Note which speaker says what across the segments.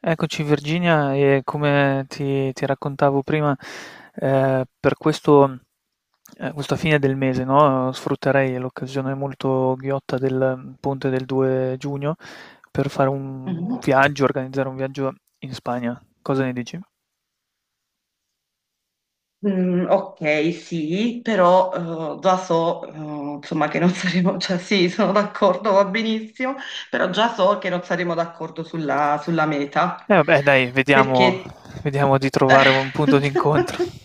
Speaker 1: Eccoci, Virginia. E come ti raccontavo prima, per questo, questa fine del mese, no, sfrutterei l'occasione molto ghiotta del ponte del 2 giugno per fare un
Speaker 2: Mhm.
Speaker 1: viaggio, organizzare un viaggio in Spagna. Cosa ne dici?
Speaker 2: Mm, ok, sì, però già so, che non saremo, cioè sì, sono d'accordo, va benissimo, però già so che non saremo d'accordo sulla meta,
Speaker 1: Eh vabbè, dai, vediamo,
Speaker 2: perché...
Speaker 1: vediamo di
Speaker 2: Eh,
Speaker 1: trovare un punto d'incontro.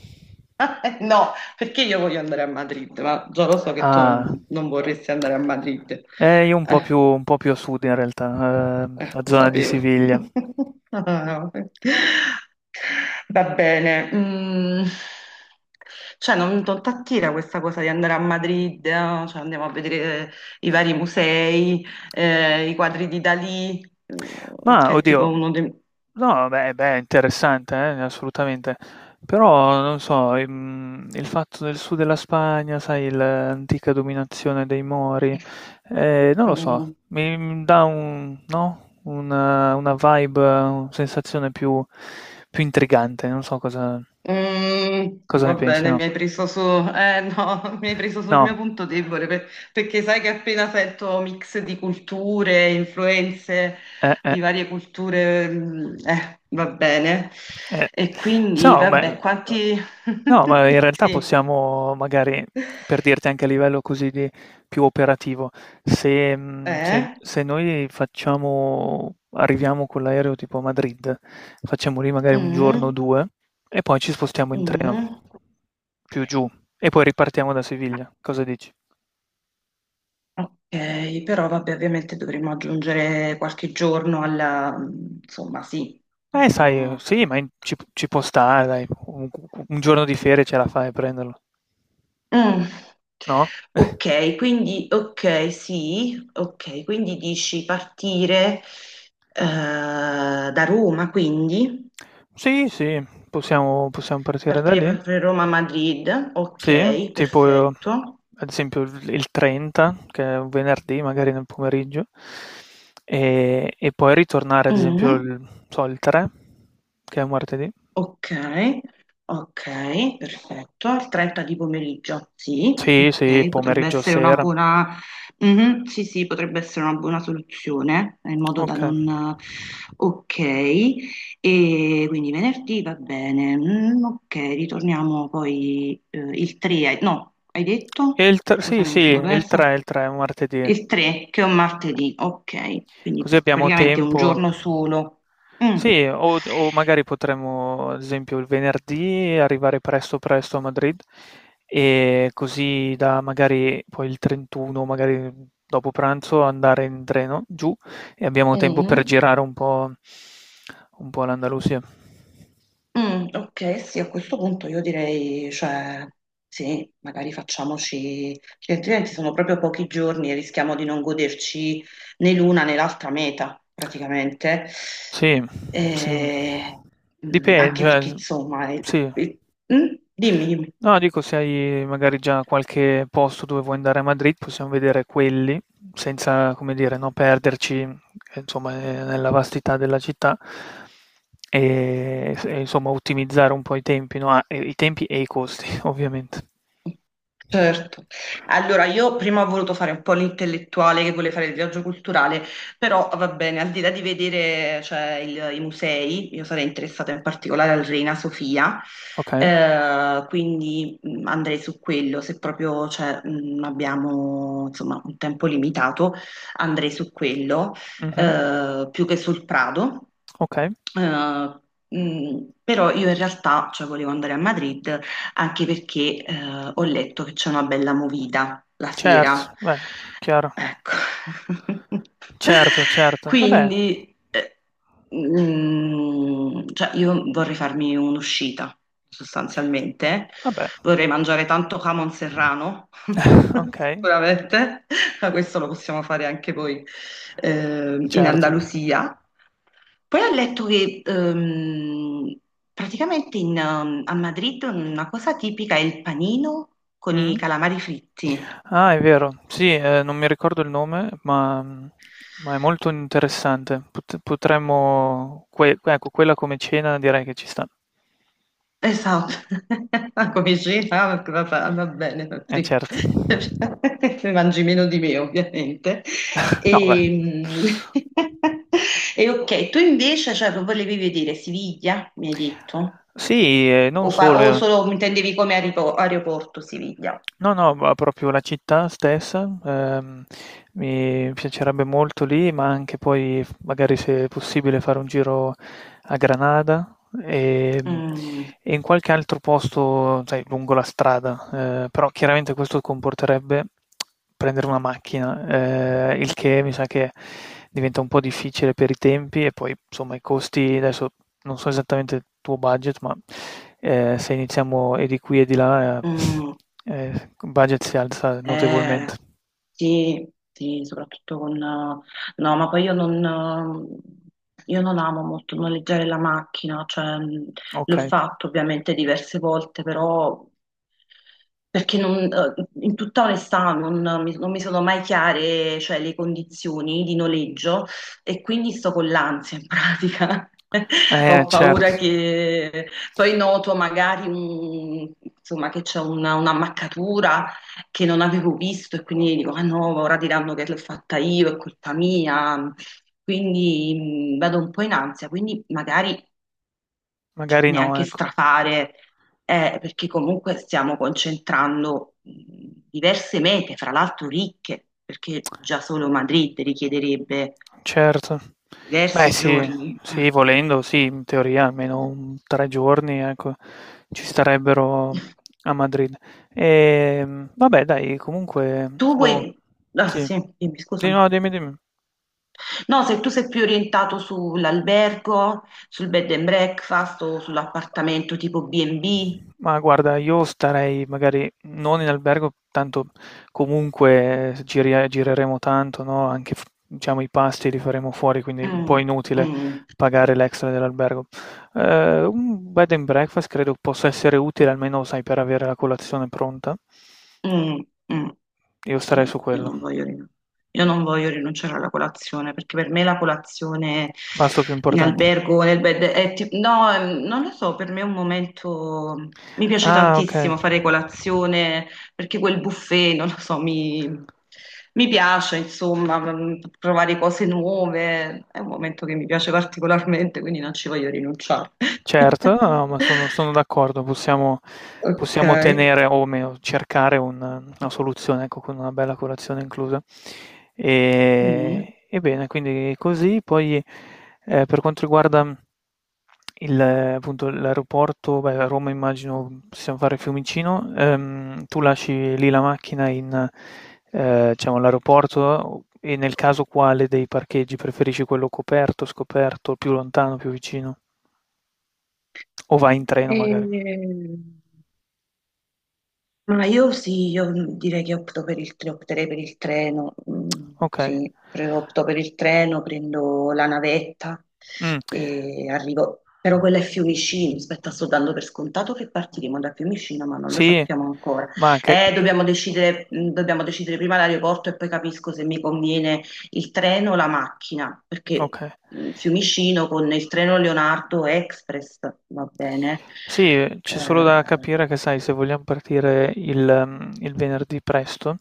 Speaker 2: no, perché io voglio andare a Madrid, ma già lo so che tu
Speaker 1: Ah,
Speaker 2: non vorresti andare a Madrid.
Speaker 1: io
Speaker 2: Eh,
Speaker 1: un po' più a sud in realtà, la
Speaker 2: lo
Speaker 1: zona di
Speaker 2: sapevo.
Speaker 1: Siviglia.
Speaker 2: Ah, vabbè. Va bene, mm, cioè non t'attira questa cosa di andare a Madrid, eh? Cioè, andiamo a vedere i vari musei, i quadri di Dalì, mm,
Speaker 1: Ma
Speaker 2: che è tipo
Speaker 1: oddio,
Speaker 2: uno dei...
Speaker 1: no, beh, beh, interessante, assolutamente. Però, non so, il fatto del sud della Spagna, sai, l'antica dominazione dei Mori, non lo so,
Speaker 2: Mm.
Speaker 1: mi dà un, no? Una vibe, una sensazione più, più intrigante, non so cosa,
Speaker 2: Mm,
Speaker 1: cosa
Speaker 2: va
Speaker 1: ne pensi,
Speaker 2: bene,
Speaker 1: no?
Speaker 2: mi hai preso su, no, mi hai preso sul mio
Speaker 1: No.
Speaker 2: punto debole perché sai che appena sento mix di culture, influenze
Speaker 1: Eh, eh,
Speaker 2: di varie culture, mm, va bene.
Speaker 1: eh.
Speaker 2: E
Speaker 1: Se
Speaker 2: quindi,
Speaker 1: no,
Speaker 2: vabbè,
Speaker 1: beh,
Speaker 2: quanti...
Speaker 1: no, ma in realtà
Speaker 2: Sì,
Speaker 1: possiamo magari, per dirti anche a livello così di più operativo, se, se
Speaker 2: eh?
Speaker 1: se noi facciamo arriviamo con l'aereo tipo a Madrid, facciamo lì magari un giorno o
Speaker 2: Mm,
Speaker 1: 2 e poi ci spostiamo in treno,
Speaker 2: mm.
Speaker 1: più giù, e poi ripartiamo da Siviglia. Cosa dici?
Speaker 2: Ok, però vabbè, ovviamente dovremmo aggiungere qualche giorno alla... mm, insomma, sì.
Speaker 1: Sai
Speaker 2: No.
Speaker 1: sì, ma in ci p ci può stare dai, u u un giorno di ferie ce la fai a prenderlo,
Speaker 2: Mm.
Speaker 1: no?
Speaker 2: Ok, quindi, ok, sì, ok, quindi dici partire da Roma, quindi
Speaker 1: Sì, sì, possiamo partire da
Speaker 2: partire
Speaker 1: lì.
Speaker 2: per Roma-Madrid,
Speaker 1: Sì,
Speaker 2: ok,
Speaker 1: tipo
Speaker 2: perfetto.
Speaker 1: ad esempio il 30, che è un venerdì magari nel pomeriggio, e poi ritornare ad esempio
Speaker 2: Mm.
Speaker 1: il non so, il 3, che è un martedì.
Speaker 2: Ok, ok, perfetto. Al 30 di pomeriggio, sì,
Speaker 1: Sì, sì,
Speaker 2: ok, potrebbe
Speaker 1: pomeriggio,
Speaker 2: essere una
Speaker 1: sera.
Speaker 2: buona. Mhm, sì, sì, potrebbe essere una buona soluzione, in modo da
Speaker 1: Okay.
Speaker 2: non... Ok, e quindi venerdì va bene. Mm, ok, ritorniamo poi il 3, no, hai
Speaker 1: E
Speaker 2: detto?
Speaker 1: il tr sì,
Speaker 2: Scusami,
Speaker 1: sì,
Speaker 2: mi sono
Speaker 1: il
Speaker 2: persa.
Speaker 1: 3, il 3 è un martedì.
Speaker 2: Il 3, che è un martedì, ok, quindi
Speaker 1: Così abbiamo
Speaker 2: praticamente un
Speaker 1: tempo.
Speaker 2: giorno solo. Mm.
Speaker 1: Sì, o magari potremmo, ad esempio, il venerdì arrivare presto presto a Madrid e così da magari poi il 31, magari dopo pranzo, andare in treno giù e abbiamo tempo per
Speaker 2: Mm.
Speaker 1: girare un po' l'Andalusia.
Speaker 2: Mm, ok, sì, a questo punto io direi, cioè, sì, magari facciamoci, perché altrimenti sono proprio pochi giorni e rischiamo di non goderci né l'una né l'altra meta, praticamente.
Speaker 1: Sì,
Speaker 2: E,
Speaker 1: sì.
Speaker 2: mm,
Speaker 1: Dipende,
Speaker 2: anche perché,
Speaker 1: cioè,
Speaker 2: insomma,
Speaker 1: sì.
Speaker 2: eh, mm, dimmi, dimmi.
Speaker 1: No, dico, se hai magari già qualche posto dove vuoi andare a Madrid, possiamo vedere quelli, senza, come dire, no, perderci, insomma, nella vastità della città e, insomma, ottimizzare un po' i tempi, no? Ah, i tempi e i costi, ovviamente.
Speaker 2: Certo. Allora, io prima ho voluto fare un po' l'intellettuale che voleva fare il viaggio culturale, però va bene, al di là di vedere, cioè, i musei, io sarei interessata in particolare al Reina Sofia,
Speaker 1: Ok?
Speaker 2: quindi andrei su quello, se proprio, cioè, abbiamo, insomma, un tempo limitato, andrei su quello,
Speaker 1: Mhm,
Speaker 2: più che sul Prado.
Speaker 1: ok,
Speaker 2: Eh, però io in realtà, cioè, volevo andare a Madrid anche perché ho letto che c'è una bella movida la sera.
Speaker 1: certo, beh, chiaro.
Speaker 2: Ecco.
Speaker 1: Certo, certo. Vabbè,
Speaker 2: Quindi, mm, cioè, io vorrei farmi un'uscita, sostanzialmente.
Speaker 1: vabbè.
Speaker 2: Vorrei mangiare tanto jamon serrano,
Speaker 1: Ok,
Speaker 2: sicuramente, ma questo lo possiamo fare anche voi in
Speaker 1: certo.
Speaker 2: Andalusia. Poi ho letto che praticamente in a Madrid una cosa tipica è il panino con i
Speaker 1: Mm.
Speaker 2: calamari fritti.
Speaker 1: Ah, è vero, sì, non mi ricordo il nome, ma, mm, ma è molto interessante. Potremmo, ecco, quella come cena direi che ci sta.
Speaker 2: Esatto, ma come cena, ah, va, va bene,
Speaker 1: Eh
Speaker 2: sì.
Speaker 1: certo.
Speaker 2: Mangi meno di me ovviamente.
Speaker 1: No, beh.
Speaker 2: E, mm, e ok, tu invece cioè, che volevi vedere Siviglia, mi hai detto,
Speaker 1: Sì, non
Speaker 2: o,
Speaker 1: solo.
Speaker 2: o
Speaker 1: Eh.
Speaker 2: solo intendevi come aeroporto Siviglia?
Speaker 1: No, no, ma proprio la città stessa, mi piacerebbe molto lì, ma anche poi magari se è possibile fare un giro a Granada e,
Speaker 2: Mm,
Speaker 1: e in qualche altro posto, sai, lungo la strada, però chiaramente questo comporterebbe prendere una macchina, il che mi sa che diventa un po' difficile per i tempi e poi insomma i costi, adesso non so esattamente il tuo budget, ma se iniziamo e di qui e di là...
Speaker 2: mm.
Speaker 1: eh, il budget si alza
Speaker 2: Eh,
Speaker 1: notevolmente.
Speaker 2: sì, sì, soprattutto con... no, ma poi io non amo molto noleggiare la macchina, cioè l'ho
Speaker 1: Okay.
Speaker 2: fatto ovviamente diverse volte, però perché non, in tutta onestà non mi sono mai chiare, cioè, le condizioni di noleggio e quindi sto con l'ansia in pratica. Ho paura
Speaker 1: Certo,
Speaker 2: che poi noto magari insomma, che c'è un'ammaccatura che non avevo visto e quindi dico, ah no, ora diranno che l'ho fatta io, è colpa mia. Quindi vado un po' in ansia, quindi magari cioè,
Speaker 1: magari no,
Speaker 2: neanche
Speaker 1: ecco.
Speaker 2: strafare, perché comunque stiamo concentrando diverse mete, fra l'altro ricche, perché già solo Madrid richiederebbe
Speaker 1: Certo. Beh
Speaker 2: diversi
Speaker 1: sì,
Speaker 2: giorni.
Speaker 1: sì, volendo sì, in teoria almeno un 3 giorni, ecco, ci starebbero a Madrid. Vabbè dai, comunque
Speaker 2: Tu
Speaker 1: oh,
Speaker 2: vuoi... Ah,
Speaker 1: sì.
Speaker 2: sì, dimmi,
Speaker 1: Sì,
Speaker 2: scusami.
Speaker 1: no, dimmi, dimmi.
Speaker 2: No, se tu sei più orientato sull'albergo, sul bed and breakfast o sull'appartamento tipo B&B.
Speaker 1: Ma guarda, io starei magari non in albergo, tanto comunque gireremo tanto, no? Anche diciamo i pasti li faremo fuori, quindi è un po'
Speaker 2: Mm,
Speaker 1: inutile
Speaker 2: mm,
Speaker 1: pagare l'extra dell'albergo. Un bed and breakfast credo possa essere utile, almeno sai, per avere la colazione pronta.
Speaker 2: mm, mm.
Speaker 1: Io starei su
Speaker 2: Sì, io
Speaker 1: quello.
Speaker 2: non voglio, io non voglio rinunciare alla colazione perché per me la colazione
Speaker 1: Pasto più
Speaker 2: in
Speaker 1: importante.
Speaker 2: albergo, nel bed, è no, non lo so, per me è un momento, mi piace
Speaker 1: Ah, ok.
Speaker 2: tantissimo fare colazione perché quel buffet, non lo so, mi piace, insomma, mm, provare cose nuove, è un momento che mi piace particolarmente, quindi non ci voglio rinunciare.
Speaker 1: Certo, no, no, ma sono, sono d'accordo, possiamo,
Speaker 2: Ok.
Speaker 1: possiamo tenere o meno cercare una soluzione, ecco, con una bella colazione inclusa.
Speaker 2: Mm.
Speaker 1: E bene, quindi così, poi per quanto riguarda il, appunto, l'aeroporto, beh, a Roma immagino possiamo fare Fiumicino, tu lasci lì la macchina in, diciamo, all'aeroporto e nel caso quale dei parcheggi preferisci, quello coperto, scoperto, più lontano, più vicino? O vai in treno magari.
Speaker 2: Ehm, ma io sì, io direi che opto per opterei per il treno, mm,
Speaker 1: Okay.
Speaker 2: sì, opto per il treno, prendo la navetta
Speaker 1: Mh,
Speaker 2: e arrivo, però quella è Fiumicino, aspetta, sto dando per scontato che partiremo da Fiumicino, ma non lo
Speaker 1: sì,
Speaker 2: sappiamo ancora.
Speaker 1: ma anche
Speaker 2: Dobbiamo decidere, mm, dobbiamo decidere prima l'aeroporto e poi capisco se mi conviene il treno o la macchina, perché
Speaker 1: okay.
Speaker 2: mm, Fiumicino con il treno Leonardo Express va bene.
Speaker 1: Sì, c'è solo da
Speaker 2: Eh,
Speaker 1: capire che sai, se vogliam partire il il venerdì presto,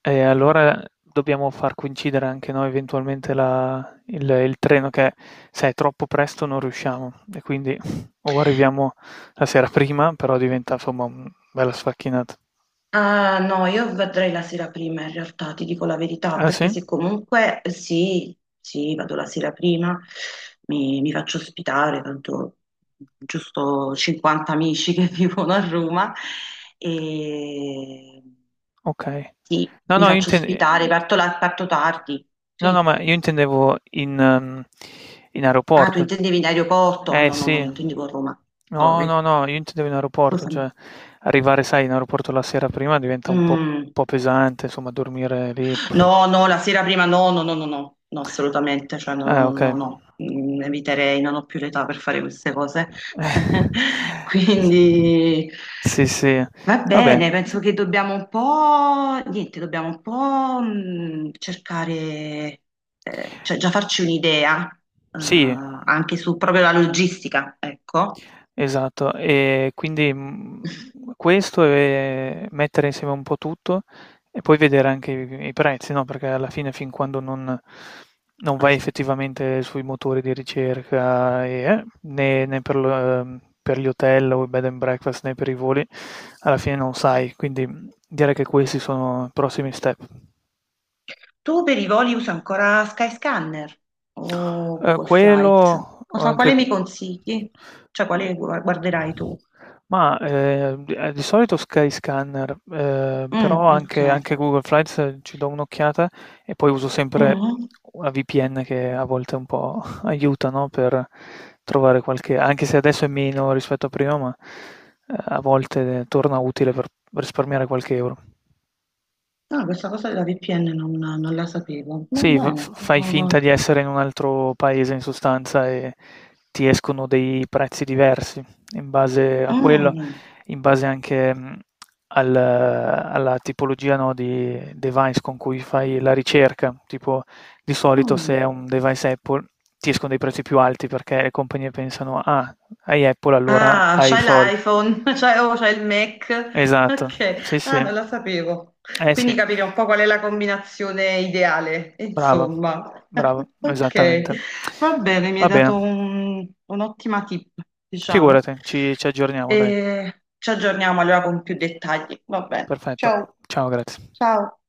Speaker 1: allora dobbiamo far coincidere anche noi eventualmente la il treno che se è troppo presto non riusciamo e quindi o arriviamo la sera prima, però diventa insomma, mhmm, bella sfacchinata.
Speaker 2: Ah, no, io vedrei la sera prima in realtà, ti dico la verità,
Speaker 1: Ah
Speaker 2: perché
Speaker 1: sì?
Speaker 2: se comunque sì, sì, vado la sera prima, mi faccio ospitare, tanto giusto 50 amici che vivono a Roma, e
Speaker 1: Okay.
Speaker 2: sì,
Speaker 1: No,
Speaker 2: mi
Speaker 1: no, io
Speaker 2: faccio
Speaker 1: inten
Speaker 2: ospitare, parto, parto tardi,
Speaker 1: No, no,
Speaker 2: sì.
Speaker 1: ma io intendevo in mhmm, in
Speaker 2: Ah, tu
Speaker 1: aeroporto.
Speaker 2: intendevi in aeroporto? Ah, no, no, no, io
Speaker 1: Sì.
Speaker 2: intendevo a Roma,
Speaker 1: No, no,
Speaker 2: sorry,
Speaker 1: no, io intendevo in aeroporto, cioè
Speaker 2: scusami.
Speaker 1: arrivare, sai, in aeroporto la sera prima diventa
Speaker 2: Mm.
Speaker 1: un po' pesante, insomma dormire lì. Pff.
Speaker 2: No, no, la sera prima no, no, no, no, no, no, assolutamente, cioè no, no, no,
Speaker 1: Okay.
Speaker 2: no. Mm, eviterei, non ho più l'età per fare queste cose. Quindi
Speaker 1: S Sì, sì.
Speaker 2: va
Speaker 1: Vabbè.
Speaker 2: bene, penso che dobbiamo un po', niente, dobbiamo un po' mm, cercare, cioè già farci un'idea, eh,
Speaker 1: Sì.
Speaker 2: anche su proprio la logistica, ecco.
Speaker 1: Esatto, e quindi, mhmm, questo e mettere insieme un po' tutto e poi vedere anche i prezzi, no, perché alla fine fin quando non non vai effettivamente sui motori di ricerca e né per gli hotel o i bed and breakfast, né per i voli, alla fine non sai. Quindi, mhmm, direi che questi sono i prossimi step.
Speaker 2: Tu per i voli usi ancora Skyscanner o Google Flights?
Speaker 1: Quello
Speaker 2: Cosa,
Speaker 1: anche
Speaker 2: quale mi consigli? Cioè, quale
Speaker 1: ehm,
Speaker 2: guarderai tu?
Speaker 1: mah, d di solito Skyscanner,
Speaker 2: Mm,
Speaker 1: però
Speaker 2: ok.
Speaker 1: anche Google Flights ci do un'occhiata e poi uso sempre
Speaker 2: Mm.
Speaker 1: una VPN che a volte un po' aiuta, no, per trovare qualche anche se adesso è meno rispetto a prima, ma, a volte torna utile per risparmiare qualche euro.
Speaker 2: No, questa cosa della VPN non la sapevo. Va
Speaker 1: Sì,
Speaker 2: bene.
Speaker 1: fai
Speaker 2: No.
Speaker 1: finta di essere in un altro paese in sostanza e ti escono dei prezzi diversi in base a quello,
Speaker 2: Mm,
Speaker 1: in base anche alla tipologia, no, di device con cui fai la ricerca. Tipo, di solito se
Speaker 2: mm.
Speaker 1: è un device Apple ti escono dei prezzi più alti perché le compagnie pensano, ah, hai Apple, allora
Speaker 2: Ah,
Speaker 1: hai i
Speaker 2: c'hai
Speaker 1: soldi.
Speaker 2: l'iPhone, c'hai oh, c'hai il Mac.
Speaker 1: Esatto,
Speaker 2: Ok,
Speaker 1: sì,
Speaker 2: ah,
Speaker 1: sì,
Speaker 2: non lo sapevo.
Speaker 1: eh
Speaker 2: Quindi
Speaker 1: sì.
Speaker 2: capire un po' qual è la combinazione ideale,
Speaker 1: Brava,
Speaker 2: insomma.
Speaker 1: brava,
Speaker 2: Ok,
Speaker 1: esattamente.
Speaker 2: va bene, mi hai
Speaker 1: Va bene,
Speaker 2: dato un'ottima tip, diciamo.
Speaker 1: figurati, ci aggiorniamo dai.
Speaker 2: E ci aggiorniamo allora con più dettagli. Va bene.
Speaker 1: Perfetto.
Speaker 2: Ciao.
Speaker 1: Ciao, grazie.
Speaker 2: Ciao.